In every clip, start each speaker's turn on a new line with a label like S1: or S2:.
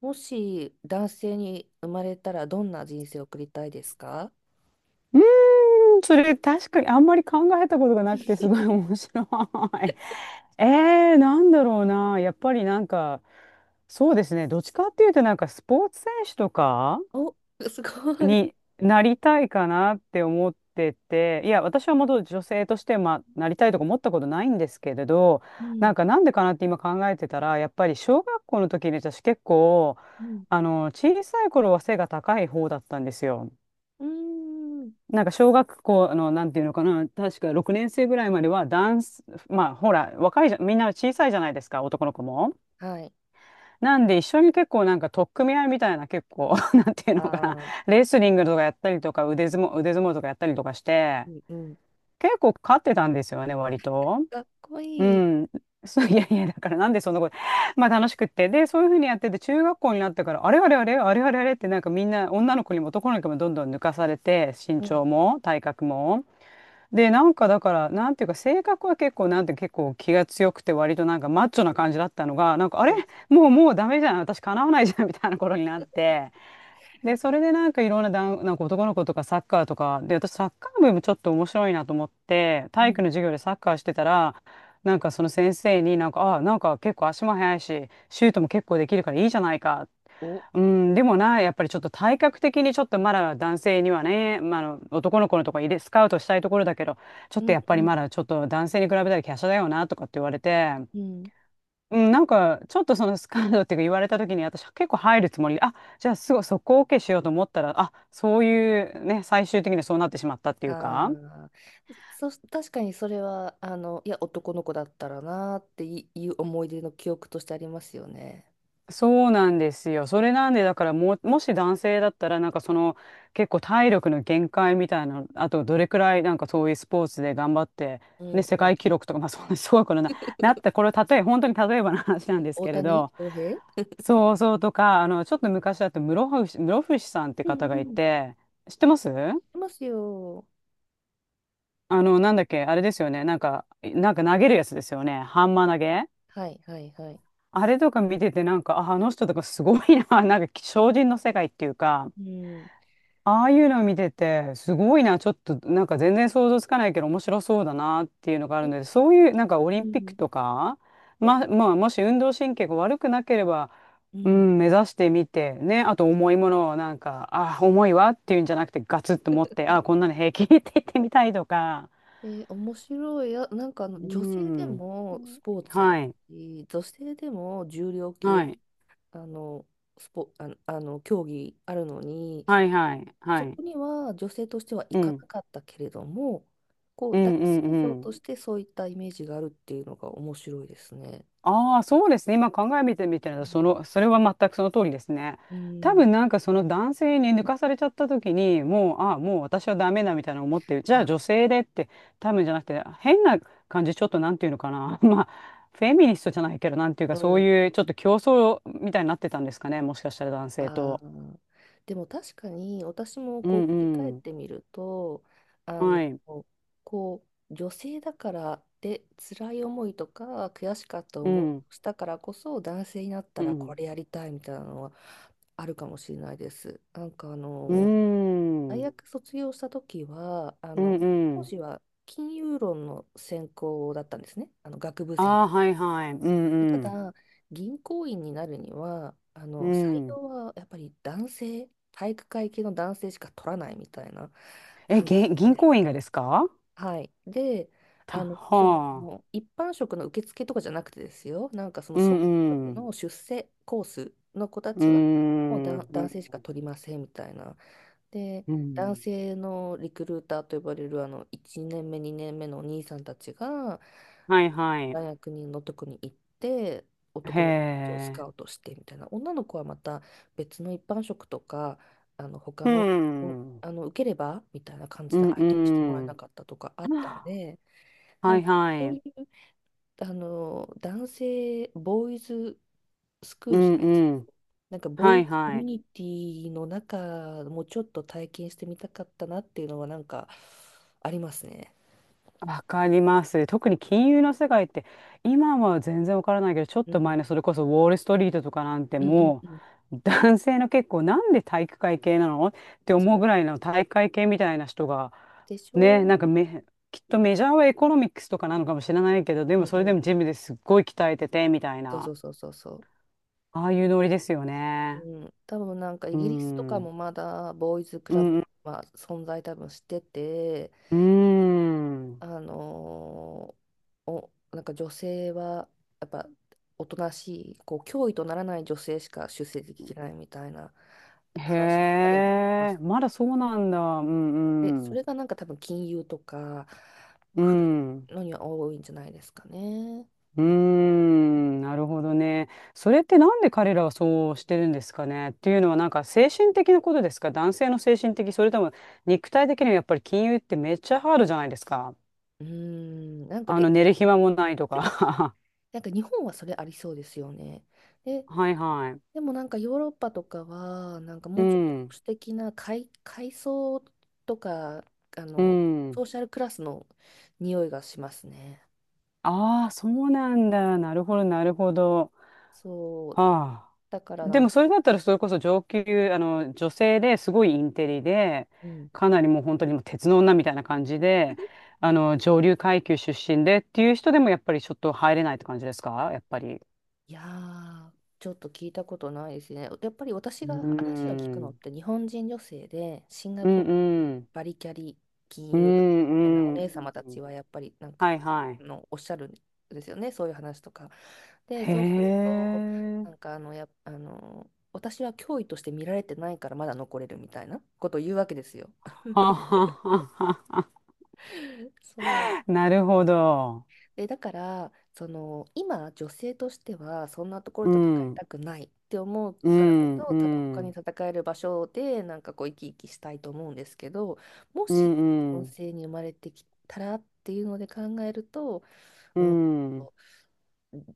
S1: もし男性に生まれたらどんな人生を送りたいですか？
S2: うーそれ確かにあんまり考えたことがなくてすごい 面白い。なんだろうな。やっぱりなんか、そうですね。どっちかっていうとなんかスポーツ選手とか
S1: お、すごい。
S2: になりたいかなって思ってて、いや、私はもと女性として、まあ、なりたいとか思ったことないんですけれど、
S1: うん、
S2: なんかなんでかなって今考えてたら、やっぱり小学校の時に私結構、
S1: うん、
S2: あの、小さい頃は背が高い方だったんですよ。
S1: うーん。
S2: なんか小学校の、なんていうのかな、確か6年生ぐらいまではダンス、まあほら、若いじゃ、みんな小さいじゃないですか、男の子も。
S1: はい。
S2: なんで一緒に結構なんか取っ組み合いみたいな結構、なんていう
S1: あ
S2: のかな、
S1: あ、
S2: レスリングとかやったりとか、腕相撲とかやったりとかして、
S1: うん、うん。
S2: 結構勝ってたんですよね、割と。
S1: かっこ
S2: う
S1: いい。
S2: ん。そう、いやいや、だからなんでそんなこと、まあ楽しくって。で、そういうふうにやってて、中学校になってから、あれあれあれ、あれあれあれってなんかみんな女の子にも男の子にもどんどん抜かされて、身
S1: うん、
S2: 長も体格も。で、なんかだから、なんていうか、性格は結構気が強くて、割となんかマッチョな感じだったのが、なんか、あ
S1: う
S2: れ
S1: ん、
S2: もう、もうダメじゃん。私、叶わないじゃん、みたいな頃になって。で、それでなんかいろんな男、なんか男の子とかサッカーとか、で、私サッカー部もちょっと面白いなと思って、
S1: う
S2: 体育
S1: ん。
S2: の授業でサッカーしてたら、なんかその先生になんか、あ、なんか結構足も速いし、シュートも結構できるからいいじゃないか。
S1: お、
S2: うん、でもな、やっぱりちょっと体格的にちょっとまだ男性にはね、まあ、あの男の子のとこ入れ、スカウトしたいところだけど、ちょっ
S1: う
S2: と
S1: ん、
S2: やっぱり
S1: うん、
S2: まだちょっと男性に比べたら華奢だよなとかって言われて、
S1: うん。
S2: うん、なんか、ちょっとそのスカンドっていうか言われた時に、私は結構入るつもり、あ、じゃあすぐそこを OK しようと思ったら、あ、そういうね、最終的にはそうなってしまったっていうか、
S1: ああ、確かにそれは、あの、いや、男の子だったらなーっていいう思い出の記憶としてありますよね。
S2: そうなんですよ。それなんで、だからもう、もし男性だったら、結構体力の限界みたいな、あとどれくらいなんかそういうスポーツで頑張って、
S1: う
S2: ね、
S1: ん、
S2: 世
S1: うん。
S2: 界記録とか、まあそんなすごいことな、なった、これは例え、本当に例えばの話なんです
S1: 大
S2: けれ
S1: 谷
S2: ど、
S1: 翔平。
S2: そうそうとか、あの、ちょっと昔だと室伏さんって
S1: うん、
S2: 方
S1: う
S2: がい
S1: ん。い
S2: て、知ってます
S1: ますよ。
S2: あの、なんだっけ、あれですよね。なんか投げるやつですよね。ハンマー投げ。
S1: はい、はい、はい。
S2: あれとか見てて、なんか、あ、あの人とかすごいな。なんか、精進の世界っていうか、
S1: うん。
S2: ああいうのを見てて、すごいな。ちょっと、なんか全然想像つかないけど、面白そうだなっていうのがあるので、そういう、なんかオ
S1: う
S2: リンピック
S1: ん。
S2: とか、
S1: そう、
S2: まあ、もし運動神経が悪くなければ、
S1: う
S2: う
S1: ん。
S2: ん、目指してみて、ね。あと、重いものを、重いわっていうんじゃなくて、ガツッと持って、あ、こんなの平気 って言ってみたいとか。
S1: で、面白いや、なんかあの
S2: う
S1: 女性で
S2: ん。
S1: もスポーツある
S2: はい。
S1: し、女性でも重量級、
S2: はい。
S1: あの、あの競技あるのに、
S2: はいはい。は
S1: そ
S2: い。
S1: こには女性としては行
S2: う
S1: か
S2: ん。
S1: なかったけれども、こ
S2: う
S1: う、男
S2: んう
S1: 性
S2: んう
S1: 像と
S2: ん。
S1: してそういったイメージがあるっていうのが面白いですね。
S2: ああ、そうですね。今考えてみたら、その、それは全くその通りですね。
S1: う
S2: 多
S1: ん。うん。
S2: 分なんかその男性に抜かされちゃった時に、もう、ああ、もう私はダメだみたいな思ってじゃあ
S1: あ、
S2: 女性でって、多分じゃなくて、変な感じ、ちょっとなんていうのかな。まあ、フェミニストじゃないけど、なんていう
S1: う
S2: か、そう
S1: ん。
S2: いうちょっと競争みたいになってたんですかね。もしかしたら男性
S1: あ
S2: と。
S1: ーでも確かに私も
S2: う
S1: こう振り返
S2: ん
S1: っ
S2: うん。
S1: てみると、あ
S2: は
S1: の、
S2: い。
S1: こう、女性だからで辛い思いとか悔しかった
S2: う
S1: 思いを
S2: ん。
S1: したからこそ男性になった
S2: う
S1: らこ
S2: ん。
S1: れやりたいみたいなのはあるかもしれないです。なんかあ
S2: うー
S1: の
S2: ん。
S1: 大
S2: う
S1: 学卒業した時はあ
S2: んう
S1: の講
S2: ん。
S1: 師は金融論の専攻だったんですね、あの、学部生。
S2: ああ、はいはい。う
S1: た
S2: んうん。
S1: だ、銀行員になるには、あ
S2: う
S1: の、採
S2: ん。
S1: 用はやっぱり男性、体育会系の男性しか取らないみたいな
S2: え、
S1: 感じなん
S2: 銀
S1: です
S2: 行
S1: よ。
S2: 員がですか？
S1: はい。で、あの、そ
S2: は
S1: の、
S2: あ。
S1: 一般職の受付とかじゃなくてですよ、なんかその
S2: う
S1: 総合
S2: んう
S1: 職
S2: ん。
S1: の出世コースの子た
S2: うー
S1: ちは、もう
S2: ん。う
S1: 男性し
S2: ん
S1: か取りませんみたいな。で、
S2: う
S1: 男
S2: ん。
S1: 性のリクルーターと呼ばれる、あの、1年目、2年目のお兄さんたちが、
S2: はいはい。
S1: 大学にのとこに行って
S2: へ
S1: 男の子たちをスカ
S2: え。
S1: ウトして、みたいな。女の子はまた別の一般職とか、あの、他
S2: う
S1: の、
S2: ん。
S1: あの、受ければみたいな感じ
S2: う
S1: で
S2: ん
S1: 相手にしてもらえ
S2: う
S1: な
S2: ん。
S1: かったとかあったん で、な
S2: は
S1: ん
S2: い
S1: か
S2: は
S1: そうい
S2: い。
S1: う、あの、男性ボーイズスクー
S2: う
S1: ルじ
S2: ん
S1: ゃないです
S2: う
S1: け
S2: ん。
S1: ど、なんかボ
S2: は
S1: ーイ
S2: い
S1: ズコ
S2: は
S1: ミュ
S2: い。
S1: ニティの中もちょっと体験してみたかったなっていうのはなんかありますね。
S2: わかります。特に金融の世界って今は全然わからないけど、ちょっ
S1: う
S2: と
S1: ん、
S2: 前のそれこそウォール・ストリートとかなんて
S1: うん、うん、
S2: も
S1: うん、
S2: う男性の、結構なんで体育会系なのって
S1: そ
S2: 思う
S1: う
S2: ぐらいの体育会系みたいな人が、
S1: でしょ、う
S2: ね
S1: ん、
S2: なんかめきっとメジャーはエコノミックスとかなのかもしれないけど、で
S1: う
S2: もそれで
S1: ん、
S2: もジムですっごい鍛えててみたい
S1: そうそ
S2: な、
S1: うそうそうそ
S2: ああいうノリですよ
S1: う。
S2: ね。
S1: うん、多分なんかイ
S2: う
S1: ギリスと
S2: ん。う
S1: かも
S2: ん
S1: まだボーイズク
S2: う
S1: ラブ
S2: ん。
S1: は存在多分してて、
S2: ん
S1: あのーお、なんか女性はやっぱおとなしい、こう脅威とならない女性しか出席できないみたいな話
S2: へ
S1: でも聞きま
S2: え、
S1: す。
S2: まだそうなんだ。う
S1: で、
S2: んう
S1: そ
S2: ん。
S1: れがなんか多分金融とか
S2: う
S1: 古
S2: ん。
S1: いのには多いんじゃないですかね。
S2: う
S1: う
S2: ー
S1: ん、
S2: ん、なるほどね。それってなんで彼らはそうしてるんですかねっていうのは、なんか精神的なことですか？男性の精神的、それとも肉体的にはやっぱり金融ってめっちゃハードじゃないですか。
S1: うん。なんか
S2: あ
S1: れ、
S2: の寝る暇もないとか。
S1: なんか日本はそれありそうですよね。で、
S2: はいはい。
S1: でもなんかヨーロッパとかは、なんか
S2: う
S1: もうちょっと保
S2: ん。
S1: 守的な階層とか、あ
S2: う
S1: の、
S2: ん。
S1: ソーシャルクラスの匂いがしますね。
S2: ああ、そうなんだ。なるほど、なるほど。
S1: そう。
S2: はあ。
S1: だからな
S2: で
S1: ん
S2: も
S1: か、
S2: それだったら、それこそ上級、あの、女性ですごいインテリで、
S1: うん。
S2: かなりもう本当にもう鉄の女みたいな感じで、あの、上流階級出身でっていう人でも、やっぱりちょっと入れないって感じですか、やっぱり。
S1: いやー、ちょっと聞いたことないですね。やっぱり私
S2: う
S1: が話を聞
S2: ー
S1: くのっ
S2: ん。
S1: て日本人女性でシンガ
S2: うん
S1: ポールで
S2: うん。
S1: バリキャリ金
S2: う
S1: 融みたいなお
S2: んうん。
S1: 姉様たちはやっぱりなんか、
S2: はいは
S1: あ
S2: い。
S1: の、おっしゃるんですよね、そういう話とか。で、
S2: へ
S1: そうすると、
S2: え。
S1: なんか、あの、や、あの、私は脅威として見られてないからまだ残れるみたいなことを言うわけですよ。
S2: はははは。
S1: そう。
S2: なるほど。
S1: で、だから、その、今、女性としては、そんなところ
S2: う
S1: と戦い
S2: ん。
S1: たくないって思う
S2: う
S1: からこ
S2: ん
S1: そ、
S2: う
S1: 他に
S2: ん。
S1: 戦える場所で、なんかこう、生き生きしたいと思うんですけど、も
S2: う
S1: し、
S2: ん
S1: 男
S2: うん。
S1: 性に生まれてきたらっていうので考えると、
S2: う
S1: うん、
S2: ん、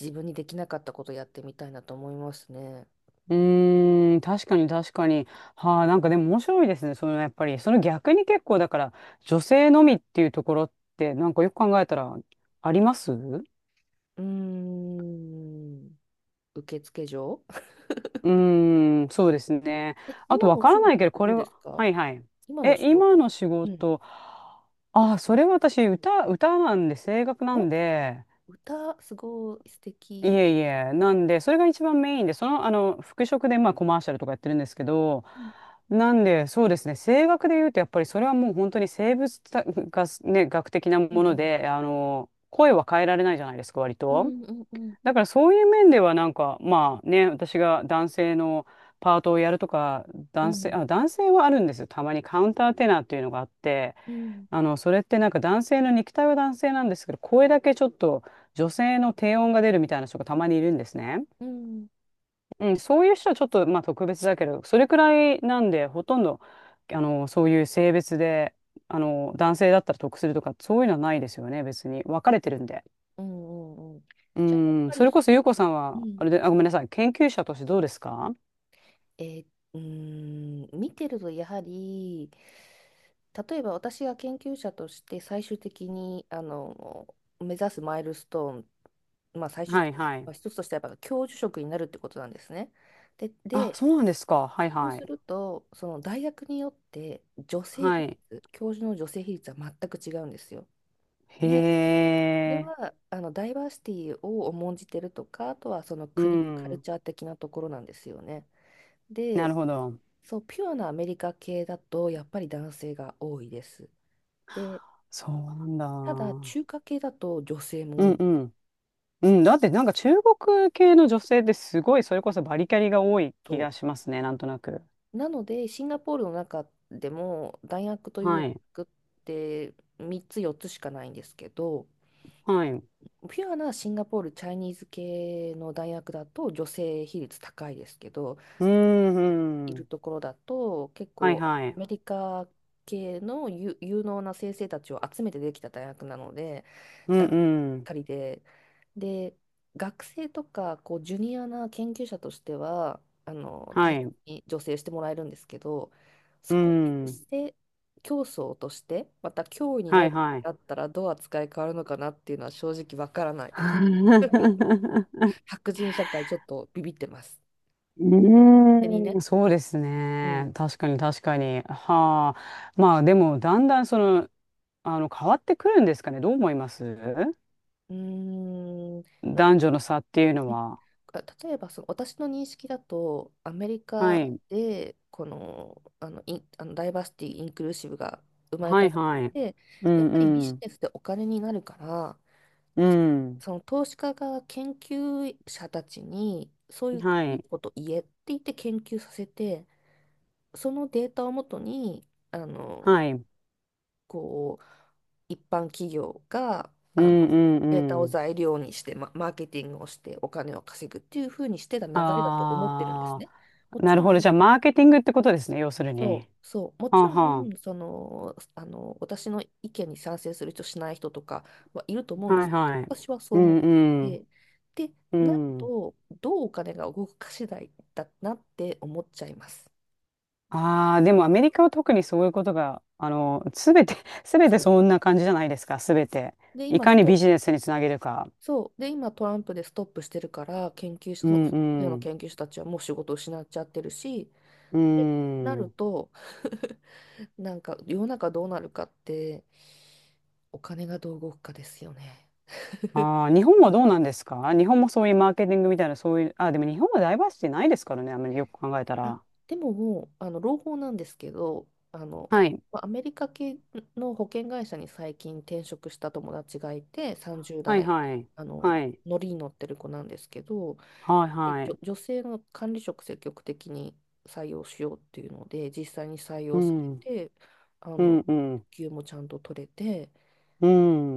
S1: 自分にできなかったことやってみたいなと思いますね。
S2: うーん、確かに確かに。はあ、なんかでも面白いですね。そのやっぱり、その逆に結構だから、女性のみっていうところって、なんかよく考えたら、ありますう
S1: うーん、受付嬢。
S2: ーん、そうですね。あと
S1: 今の
S2: わ
S1: お
S2: か
S1: 仕
S2: らない
S1: 事
S2: け
S1: っ
S2: ど、
S1: て
S2: こ
S1: どう
S2: れ
S1: で
S2: は、
S1: すか？
S2: はいはい。
S1: 今のお
S2: え、
S1: 仕
S2: 今
S1: 事。
S2: の仕
S1: うん。
S2: 事、あ、それは私、歌なんで、声楽なん
S1: お、
S2: で、
S1: 歌、すごい素
S2: い
S1: 敵。
S2: えいえ、なんで、それが一番メインで、その、あの、服飾で、まあ、コマーシャルとかやってるんですけど、
S1: うん、
S2: なんで、そうですね、声楽で言うと、やっぱりそれはもう本当に生物たが、ね、学的な
S1: う
S2: もの
S1: ん、
S2: で、あの、声は変えられないじゃないですか、割
S1: う
S2: と。
S1: ん、うん、うん、
S2: だからそういう面では、なんか、まあね、私が男性のパートをやるとか、
S1: うん、
S2: 男性はあるんですよ。たまにカウンターテナーっていうのがあって、
S1: うん、
S2: あの、それってなんか男性の肉体は男性なんですけど、声だけちょっと女性の低音が出るみたいな人がたまにいるんですね。
S1: うん、
S2: うん、そういう人はちょっとまあ特別だけど、それくらいなんで、ほとんど、あの、そういう性別で、あの、男性だったら得するとか、そういうのはないですよね、別に。分かれてるんで。
S1: うん、うん。
S2: う
S1: じゃあやっ
S2: ん、
S1: ぱ
S2: そ
S1: り、
S2: れこそゆうこさん
S1: う
S2: は、
S1: ん、
S2: あれで、あ、ごめんなさい、研究者としてどうですか？
S1: えーうーん、見てるとやはり、例えば私が研究者として最終的にあの目指すマイルストーン、まあ、最終
S2: は
S1: 的
S2: い
S1: に、
S2: は
S1: ま
S2: い。
S1: あ、一つとしてはやっぱ教授職になるってことなんですね。で、
S2: あ、そうなんですか。はい
S1: そう
S2: は
S1: す
S2: い。
S1: るとその大学によって女性
S2: は
S1: 比
S2: い。
S1: 率、教授の女性比率は全く違うんですよ。
S2: へ
S1: で、それ
S2: え。
S1: はあのダイバーシティを重んじてるとか、あとはその
S2: う
S1: 国、カル
S2: ん。
S1: チャー的なところなんですよね。
S2: なる
S1: で、
S2: ほど。
S1: そう、ピュアなアメリカ系だとやっぱり男性が多いです。で、
S2: そうなん
S1: ただ
S2: だ。
S1: 中華系だと女性も
S2: う
S1: 多い
S2: ん
S1: ん
S2: う
S1: ですよ。
S2: ん。うん、だってなんか中国系の女性ってすごいそれこそバリキャリが多い気
S1: そ
S2: がしますね、なんとなく。
S1: う。なので、シンガポールの中でも大学という大
S2: はい。
S1: 学って3つ4つしかないんですけど、
S2: はい。う
S1: ピュアなシンガポールチャイニーズ系の大学だと女性比率高いですけど、
S2: ー
S1: い
S2: ん、う
S1: る
S2: ん。
S1: ところだと結
S2: はい
S1: 構
S2: は
S1: ア
S2: い。
S1: メリカ系の有能な先生たちを集めてできた大学なので
S2: うん、
S1: 男性ばっ
S2: うん。
S1: かりで、で、学生とかこうジュニアな研究者としてはあの
S2: は
S1: 大切
S2: い。
S1: に助成してもらえるんですけど、
S2: う
S1: そこに出
S2: ん。
S1: 世競争としてまた脅威に
S2: は
S1: な
S2: い
S1: るっ
S2: は
S1: て
S2: い。
S1: なったらどう扱い変わるのかなっていうのは正直わからないです。白人社会ちょっとビビってます。
S2: う
S1: 勝手にね。
S2: ーん、そうです
S1: う
S2: ね。
S1: ん。
S2: 確かに確かに。はあ。まあでも、だんだんその、あの、変わってくるんですかね。どう思います？
S1: うーん。な
S2: 男女の差っていうの
S1: え
S2: は。
S1: あ例えばその私の認識だとアメリ
S2: は
S1: カ
S2: い。
S1: でこの、あの、ダイバーシティ・インクルーシブが生まれ
S2: は
S1: た
S2: い
S1: のっ
S2: はい。
S1: て、
S2: う
S1: やっ
S2: ん
S1: ぱりビ
S2: う
S1: ジ
S2: ん。
S1: ネスでお金になるから、
S2: う
S1: その投資家が研究者たちにそうい
S2: ん。
S1: う
S2: は
S1: いい
S2: い。
S1: こと言えって言って研究させて、そのデータをもとに、あ
S2: は
S1: の、
S2: い。うん
S1: こう、一般企業が
S2: う
S1: あ
S2: ん
S1: のデー
S2: う
S1: タを
S2: ん。
S1: 材料にして、マーケティングをしてお金を稼ぐっていうふうにしてた流れだと思ってるんです
S2: あ
S1: ね。も
S2: あ、
S1: ち
S2: なる
S1: ろ
S2: ほ
S1: ん、
S2: ど。じゃあ、マーケティングってことですね。要する
S1: そう
S2: に。
S1: そう、も
S2: は
S1: ち
S2: あ
S1: ろ
S2: は
S1: んその、あの、私の意見に賛成する人、しない人とかはいると思う
S2: あ。
S1: んで
S2: はい
S1: すけど、
S2: はい。
S1: 私はそう
S2: う
S1: 思っ
S2: んうん
S1: て、で、
S2: う
S1: なる
S2: ん。
S1: と、どうお金が動くか次第だなって思っちゃいます。
S2: ああ、でもアメリカは特にそういうことが、あの、すべて、すべて
S1: そう。
S2: そんな感じじゃないですか。すべて。
S1: で、
S2: い
S1: 今
S2: か
S1: ス
S2: にビ
S1: ト、
S2: ジネスにつなげるか。
S1: そう。で、今トランプでストップしてるから、研究者、
S2: う
S1: その
S2: ん
S1: そのよう
S2: う
S1: な
S2: ん。
S1: 研究者たちはもう仕事を失っちゃってるし、
S2: う
S1: なる
S2: ん。
S1: と、なんか世の中どうなるかって、お金がどう動くかですよね。
S2: ああ、日本はどうなんですか？日本もそういうマーケティングみたいな、そういう、あ、でも日本はダイバーシティないですからね、あんまりよく考えた
S1: あ、
S2: ら。
S1: でももう、あの、朗報なんですけど、あの、
S2: はい。
S1: まあアメリカ系の保険会社に最近転職した友達がいて、30
S2: はい、
S1: 代、
S2: はい。
S1: あの、
S2: はい。
S1: 乗りに乗ってる子なんですけど、
S2: はい、はい。
S1: 女性の管理職積極的に採用しようっていうので、実際に採
S2: う
S1: 用され
S2: ん。
S1: て、あ
S2: うん、
S1: の、
S2: うん。
S1: 給もちゃんと取れて、
S2: う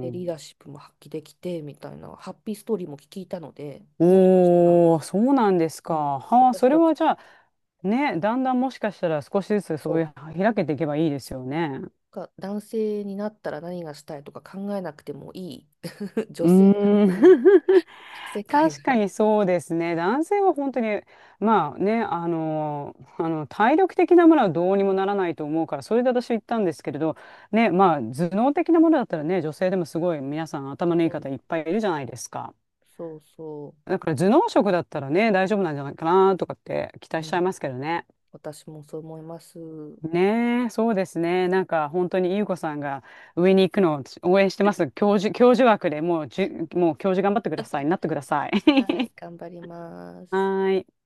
S1: でリーダーシップも発揮できてみたいなハッピーストーリーも聞いたので、もしかしたら、
S2: おー、そうなんです
S1: う
S2: か。
S1: ん、
S2: はあ、
S1: 私
S2: それ
S1: たち、
S2: はじゃあ、ね、だんだんもしかしたら少しずつそ
S1: そ
S2: うい
S1: う、
S2: う、開けていけばいいですよね。
S1: が男性になったら何がしたいとか考えなくてもいい
S2: う
S1: 女性でハッ
S2: ーん。
S1: ピーな 世界
S2: 確か
S1: が、
S2: にそうですね。男性は本当に、まあね、あの、あの体力的なものはどうにもならないと思うから、それで私は言ったんですけれど、ね、まあ頭脳的なものだったらね、女性でもすごい皆さん頭のいい
S1: う
S2: 方
S1: ん、
S2: いっぱいいるじゃないですか。
S1: そうそ
S2: だから頭脳職だったらね、大丈夫なんじゃないかなとかって期
S1: う、
S2: 待
S1: う
S2: しちゃ
S1: ん、
S2: いますけどね。
S1: 私もそう思います。
S2: ねえ、そうですね。なんか本当に優子さんが上に行くのを応援してます。教授枠で、もう教授頑張ってください。なってください。
S1: は い、頑張りま
S2: は
S1: す。
S2: ーい。